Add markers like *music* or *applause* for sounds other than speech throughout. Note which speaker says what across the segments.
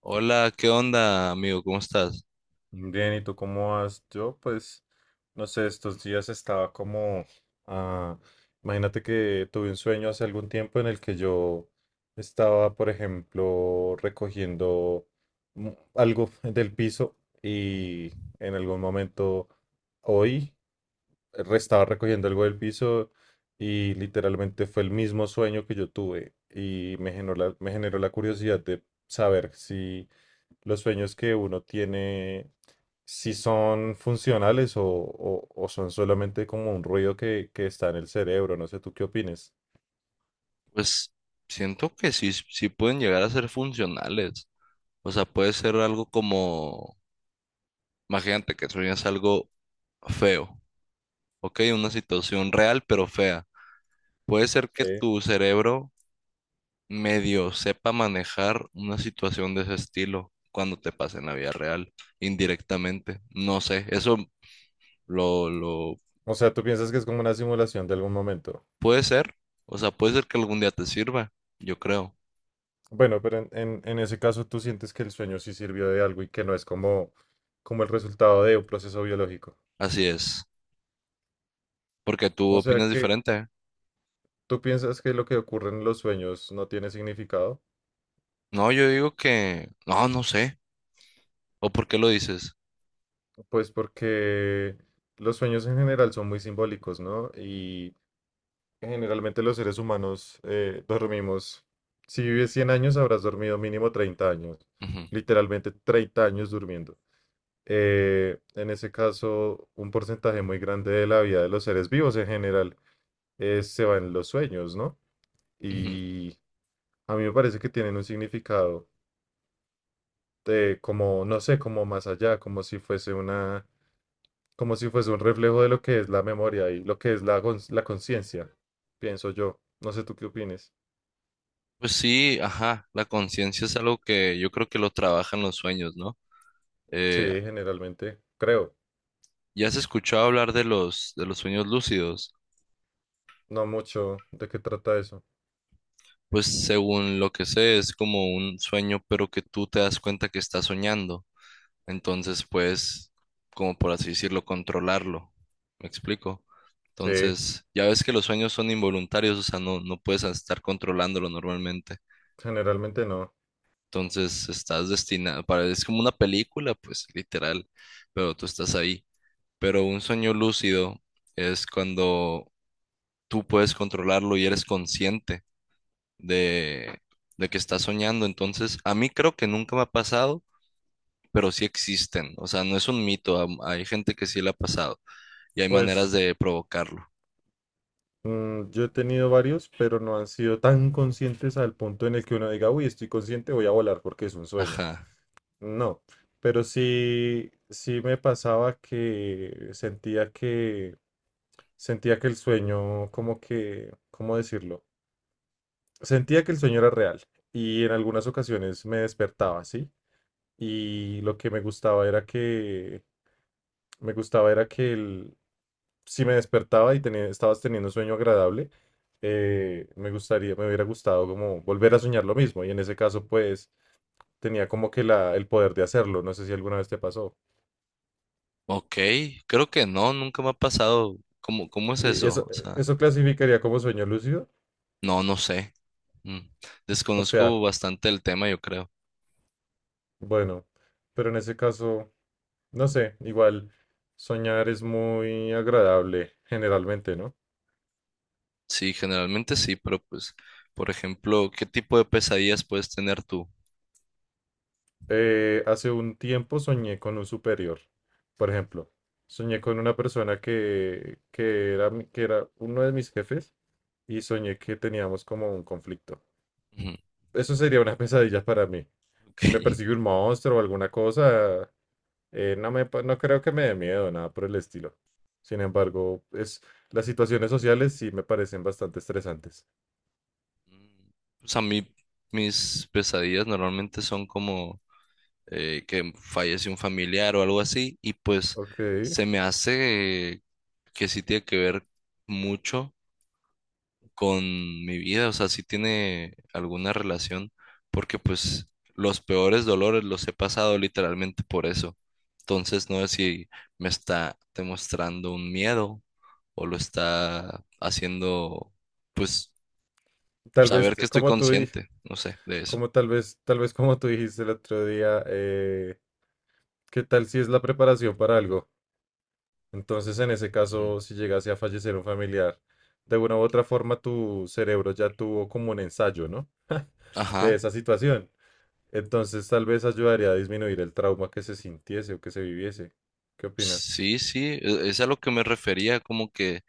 Speaker 1: Hola, ¿qué onda, amigo? ¿Cómo estás?
Speaker 2: Bien, ¿y tú cómo vas? Yo, pues, no sé, estos días estaba como, ah, imagínate que tuve un sueño hace algún tiempo en el que yo estaba, por ejemplo, recogiendo mm, algo del piso y en algún momento hoy estaba recogiendo algo del piso y literalmente fue el mismo sueño que yo tuve y me generó la curiosidad de saber si los sueños que uno tiene, si son funcionales o son solamente como un ruido que está en el cerebro. No sé, ¿tú qué opines?
Speaker 1: Pues siento que sí, sí pueden llegar a ser funcionales. O sea, puede ser algo como, imagínate que sueñas algo feo, ¿ok? Una situación real pero fea. Puede ser que
Speaker 2: Sí.
Speaker 1: tu cerebro medio sepa manejar una situación de ese estilo cuando te pase en la vida real, indirectamente. No sé, eso lo
Speaker 2: O sea, ¿tú piensas que es como una simulación de algún momento?
Speaker 1: puede ser. O sea, puede ser que algún día te sirva, yo creo.
Speaker 2: Bueno, pero en ese caso tú sientes que el sueño sí sirvió de algo y que no es como, como el resultado de un proceso biológico.
Speaker 1: Así es. Porque tú
Speaker 2: O sea
Speaker 1: opinas
Speaker 2: que
Speaker 1: diferente.
Speaker 2: tú piensas que lo que ocurre en los sueños no tiene significado,
Speaker 1: No, yo digo que, no, no sé. ¿O por qué lo dices?
Speaker 2: pues porque los sueños en general son muy simbólicos, ¿no? Y generalmente los seres humanos dormimos. Si vives 100 años, habrás dormido mínimo 30 años.
Speaker 1: Ujú,
Speaker 2: Literalmente 30 años durmiendo. En ese caso, un porcentaje muy grande de la vida de los seres vivos en general se va en los sueños, ¿no?
Speaker 1: ujú.
Speaker 2: Y a mí me parece que tienen un significado de como, no sé, como más allá, como si fuese un reflejo de lo que es la memoria y lo que es la conciencia, pienso yo. No sé tú qué opines.
Speaker 1: Pues sí, ajá, la conciencia es algo que yo creo que lo trabajan los sueños, ¿no?
Speaker 2: Sí,
Speaker 1: Eh,
Speaker 2: generalmente, creo,
Speaker 1: ¿Ya has escuchado hablar de de los sueños lúcidos?
Speaker 2: no mucho de qué trata eso.
Speaker 1: Pues según lo que sé, es como un sueño, pero que tú te das cuenta que estás soñando. Entonces puedes, como por así decirlo, controlarlo. ¿Me explico?
Speaker 2: Sí,
Speaker 1: Entonces, ya ves que los sueños son involuntarios, o sea, no, no puedes estar controlándolo normalmente.
Speaker 2: generalmente no.
Speaker 1: Entonces, estás destinado, para, es como una película, pues, literal, pero tú estás ahí. Pero un sueño lúcido es cuando tú puedes controlarlo y eres consciente de, de que estás soñando. Entonces, a mí creo que nunca me ha pasado, pero sí existen. O sea, no es un mito, hay gente que sí le ha pasado. Y hay maneras
Speaker 2: Pues
Speaker 1: de provocarlo.
Speaker 2: yo he tenido varios, pero no han sido tan conscientes al punto en el que uno diga, uy, estoy consciente, voy a volar porque es un sueño.
Speaker 1: Ajá.
Speaker 2: No, pero sí, sí me pasaba que sentía que el sueño, como que, ¿cómo decirlo? Sentía que el sueño era real y en algunas ocasiones me despertaba, ¿sí? Y lo que me gustaba era que me gustaba era que el- si me despertaba y tenía, estabas teniendo un sueño agradable, me gustaría, me hubiera gustado como volver a soñar lo mismo. Y en ese caso, pues, tenía como que la, el poder de hacerlo. No sé si alguna vez te pasó.
Speaker 1: Ok, creo que no, nunca me ha pasado. ¿Cómo, cómo es
Speaker 2: Y
Speaker 1: eso?
Speaker 2: eso,
Speaker 1: O sea,
Speaker 2: eso clasificaría como sueño lúcido.
Speaker 1: no, no sé. Mm.
Speaker 2: O sea,
Speaker 1: Desconozco bastante el tema, yo creo.
Speaker 2: bueno, pero en ese caso, no sé, igual soñar es muy agradable generalmente, ¿no?
Speaker 1: Sí, generalmente sí, pero pues, por ejemplo, ¿qué tipo de pesadillas puedes tener tú?
Speaker 2: Hace un tiempo soñé con un superior. Por ejemplo, soñé con una persona que era uno de mis jefes y soñé que teníamos como un conflicto.
Speaker 1: Ujú,
Speaker 2: Eso sería una *laughs* pesadilla para mí.
Speaker 1: ok.
Speaker 2: Si me persigue un monstruo o alguna cosa, no creo que me dé miedo, nada por el estilo. Sin embargo, las situaciones sociales sí me parecen bastante estresantes.
Speaker 1: Mm, pues a mí, mis pesadillas normalmente son como que fallece un familiar o algo así, y pues
Speaker 2: Ok.
Speaker 1: se me hace que sí tiene que ver mucho con mi vida, o sea, sí tiene alguna relación, porque pues los peores dolores los he pasado literalmente por eso. Entonces, no sé si me está demostrando un miedo o lo está haciendo, pues,
Speaker 2: Tal vez,
Speaker 1: saber que estoy
Speaker 2: como tú, di-
Speaker 1: consciente, no sé, de eso.
Speaker 2: como tal vez como tú dijiste el otro día, ¿qué tal si es la preparación para algo? Entonces, en ese
Speaker 1: Ujú.
Speaker 2: caso, si llegase a fallecer un familiar, de una u otra forma tu cerebro ya tuvo como un ensayo, ¿no? De
Speaker 1: Ajá,
Speaker 2: esa situación. Entonces, tal vez ayudaría a disminuir el trauma que se sintiese o que se viviese. ¿Qué opinas?
Speaker 1: sí, sí, es a lo que me refería, como que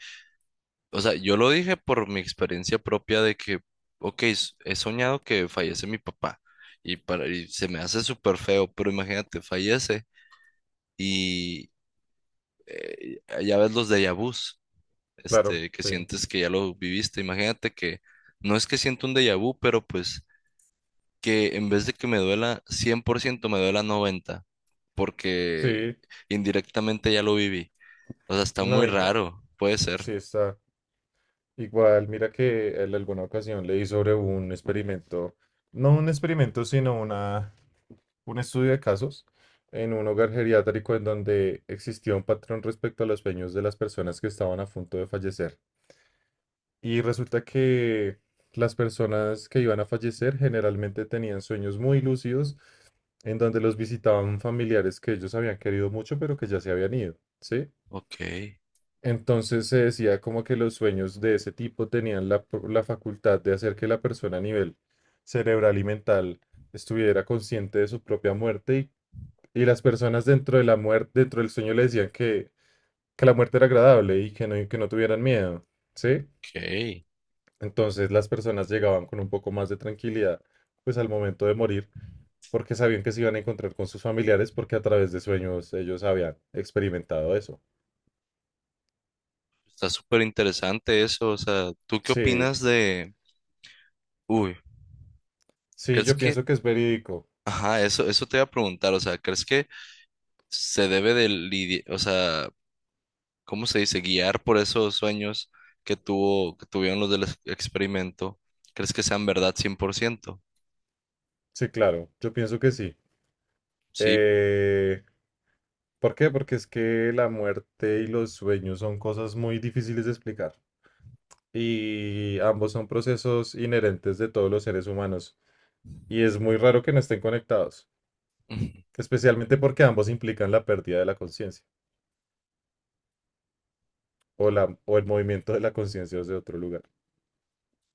Speaker 1: o sea, yo lo dije por mi experiencia propia de que, ok, he soñado que fallece mi papá y, para, y se me hace súper feo, pero imagínate, fallece y eh, ya ves los déjà vus,
Speaker 2: Claro,
Speaker 1: este, que
Speaker 2: sí.
Speaker 1: sientes que ya lo viviste. Imagínate que no es que siento un déjà vu, pero pues que en vez de que me duela 100% me duela 90%, porque
Speaker 2: Sí,
Speaker 1: indirectamente ya lo viví. O sea, está muy
Speaker 2: no, igual.
Speaker 1: raro, puede ser.
Speaker 2: Sí, está. Igual, mira que en alguna ocasión leí sobre un experimento, no un experimento, sino una un estudio de casos en un hogar geriátrico en donde existía un patrón respecto a los sueños de las personas que estaban a punto de fallecer. Y resulta que las personas que iban a fallecer generalmente tenían sueños muy lúcidos en donde los visitaban familiares que ellos habían querido mucho pero que ya se habían ido, ¿sí?
Speaker 1: Ok,
Speaker 2: Entonces se decía como que los sueños de ese tipo tenían la facultad de hacer que la persona a nivel cerebral y mental estuviera consciente de su propia muerte y las personas dentro de la muerte, dentro del sueño le decían que la muerte era agradable y que no tuvieran miedo, ¿sí?
Speaker 1: ok.
Speaker 2: Entonces las personas llegaban con un poco más de tranquilidad, pues al momento de morir, porque sabían que se iban a encontrar con sus familiares, porque a través de sueños ellos habían experimentado eso.
Speaker 1: Está súper interesante eso, o sea, ¿tú qué
Speaker 2: Sí,
Speaker 1: opinas de... Uy,
Speaker 2: sí,
Speaker 1: ¿crees
Speaker 2: yo
Speaker 1: que...
Speaker 2: pienso que es verídico.
Speaker 1: Ajá, eso te iba a preguntar, o sea, ¿crees que se debe de lidiar, o sea, ¿cómo se dice? Guiar por esos sueños que tuvo, que tuvieron los del experimento, ¿crees que sean verdad 100%?
Speaker 2: Sí, claro, yo pienso que sí.
Speaker 1: Sí,
Speaker 2: Eh, ¿Por qué? Porque es que la muerte y los sueños son cosas muy difíciles de explicar. Y ambos son procesos inherentes de todos los seres humanos y es muy raro que no estén conectados,
Speaker 1: ujú.
Speaker 2: especialmente porque ambos implican la pérdida de la conciencia o el movimiento de la conciencia desde otro lugar.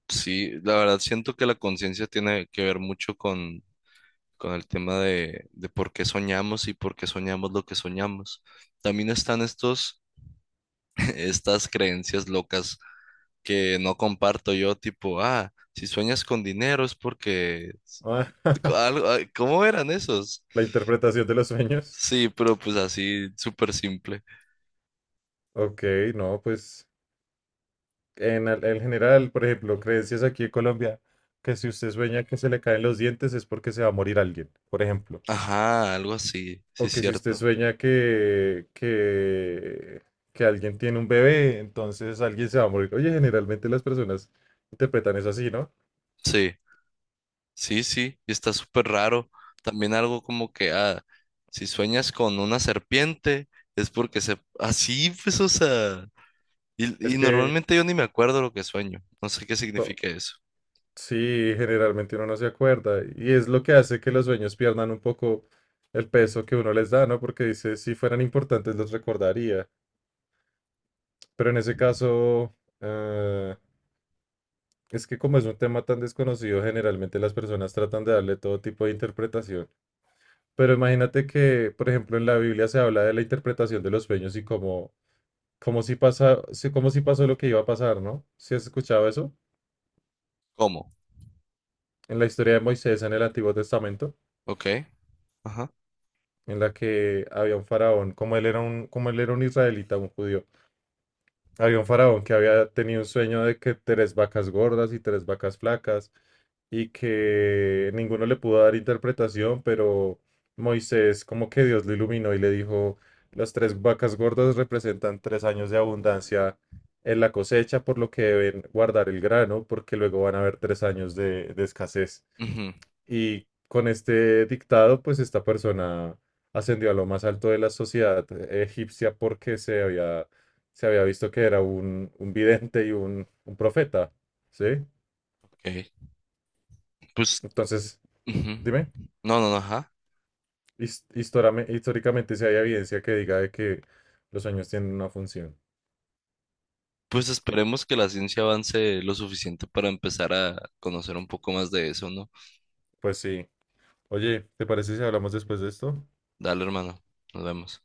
Speaker 1: Sí, la verdad siento que la conciencia tiene que ver mucho con el tema de por qué soñamos y por qué soñamos lo que soñamos. También están estos, *laughs* estas creencias locas que no comparto yo, tipo, ah, si sueñas con dinero es porque algo,
Speaker 2: *laughs*
Speaker 1: ah, ¿cómo eran esos?
Speaker 2: La interpretación de los sueños.
Speaker 1: Sí, pero pues así, súper simple.
Speaker 2: Ok, no, pues en general, por ejemplo, creencias aquí en Colombia, que si usted sueña que se le caen los dientes es porque se va a morir alguien, por ejemplo.
Speaker 1: Ajá, algo así, sí,
Speaker 2: O que si usted
Speaker 1: cierto.
Speaker 2: sueña que alguien tiene un bebé, entonces alguien se va a morir. Oye, generalmente las personas interpretan eso así, ¿no?
Speaker 1: Sí, sí, sí, y está súper raro. También algo como que, ah, si sueñas con una serpiente es porque se... Así, pues, o sea,
Speaker 2: Es
Speaker 1: y
Speaker 2: que
Speaker 1: normalmente yo ni me acuerdo lo que sueño, no sé qué
Speaker 2: to-
Speaker 1: significa eso.
Speaker 2: sí, generalmente uno no se acuerda. Y es lo que hace que los sueños pierdan un poco el peso que uno les da, ¿no? Porque dice, si fueran importantes los recordaría. Pero en ese caso, eh, es que como es un tema tan desconocido, generalmente las personas tratan de darle todo tipo de interpretación. Pero imagínate que, por ejemplo, en la Biblia se habla de la interpretación de los sueños y como, como si pasa, como si pasó lo que iba a pasar, ¿no? ¿Si has escuchado eso?
Speaker 1: ¿Cómo?
Speaker 2: En la historia de Moisés en el Antiguo Testamento,
Speaker 1: Ok, ajá.
Speaker 2: en la que había un faraón, como él era un israelita, un judío, había un faraón que había tenido un sueño de que tres vacas gordas y tres vacas flacas y que ninguno le pudo dar interpretación, pero Moisés como que Dios lo iluminó y le dijo, las tres vacas gordas representan 3 años de abundancia en la cosecha, por lo que deben guardar el grano, porque luego van a haber 3 años de escasez.
Speaker 1: Ujú,
Speaker 2: Y con este dictado, pues esta persona ascendió a lo más alto de la sociedad egipcia porque se había visto que era un vidente y un profeta, ¿sí?
Speaker 1: ok. Pues
Speaker 2: Entonces,
Speaker 1: ujú.
Speaker 2: dime,
Speaker 1: No, no, no, ajá.
Speaker 2: históricamente si hay evidencia que diga de que los sueños tienen una función.
Speaker 1: Pues esperemos que la ciencia avance lo suficiente para empezar a conocer un poco más de eso, ¿no?
Speaker 2: Pues sí. Oye, ¿te parece si hablamos después de esto?
Speaker 1: Dale, hermano. Nos vemos.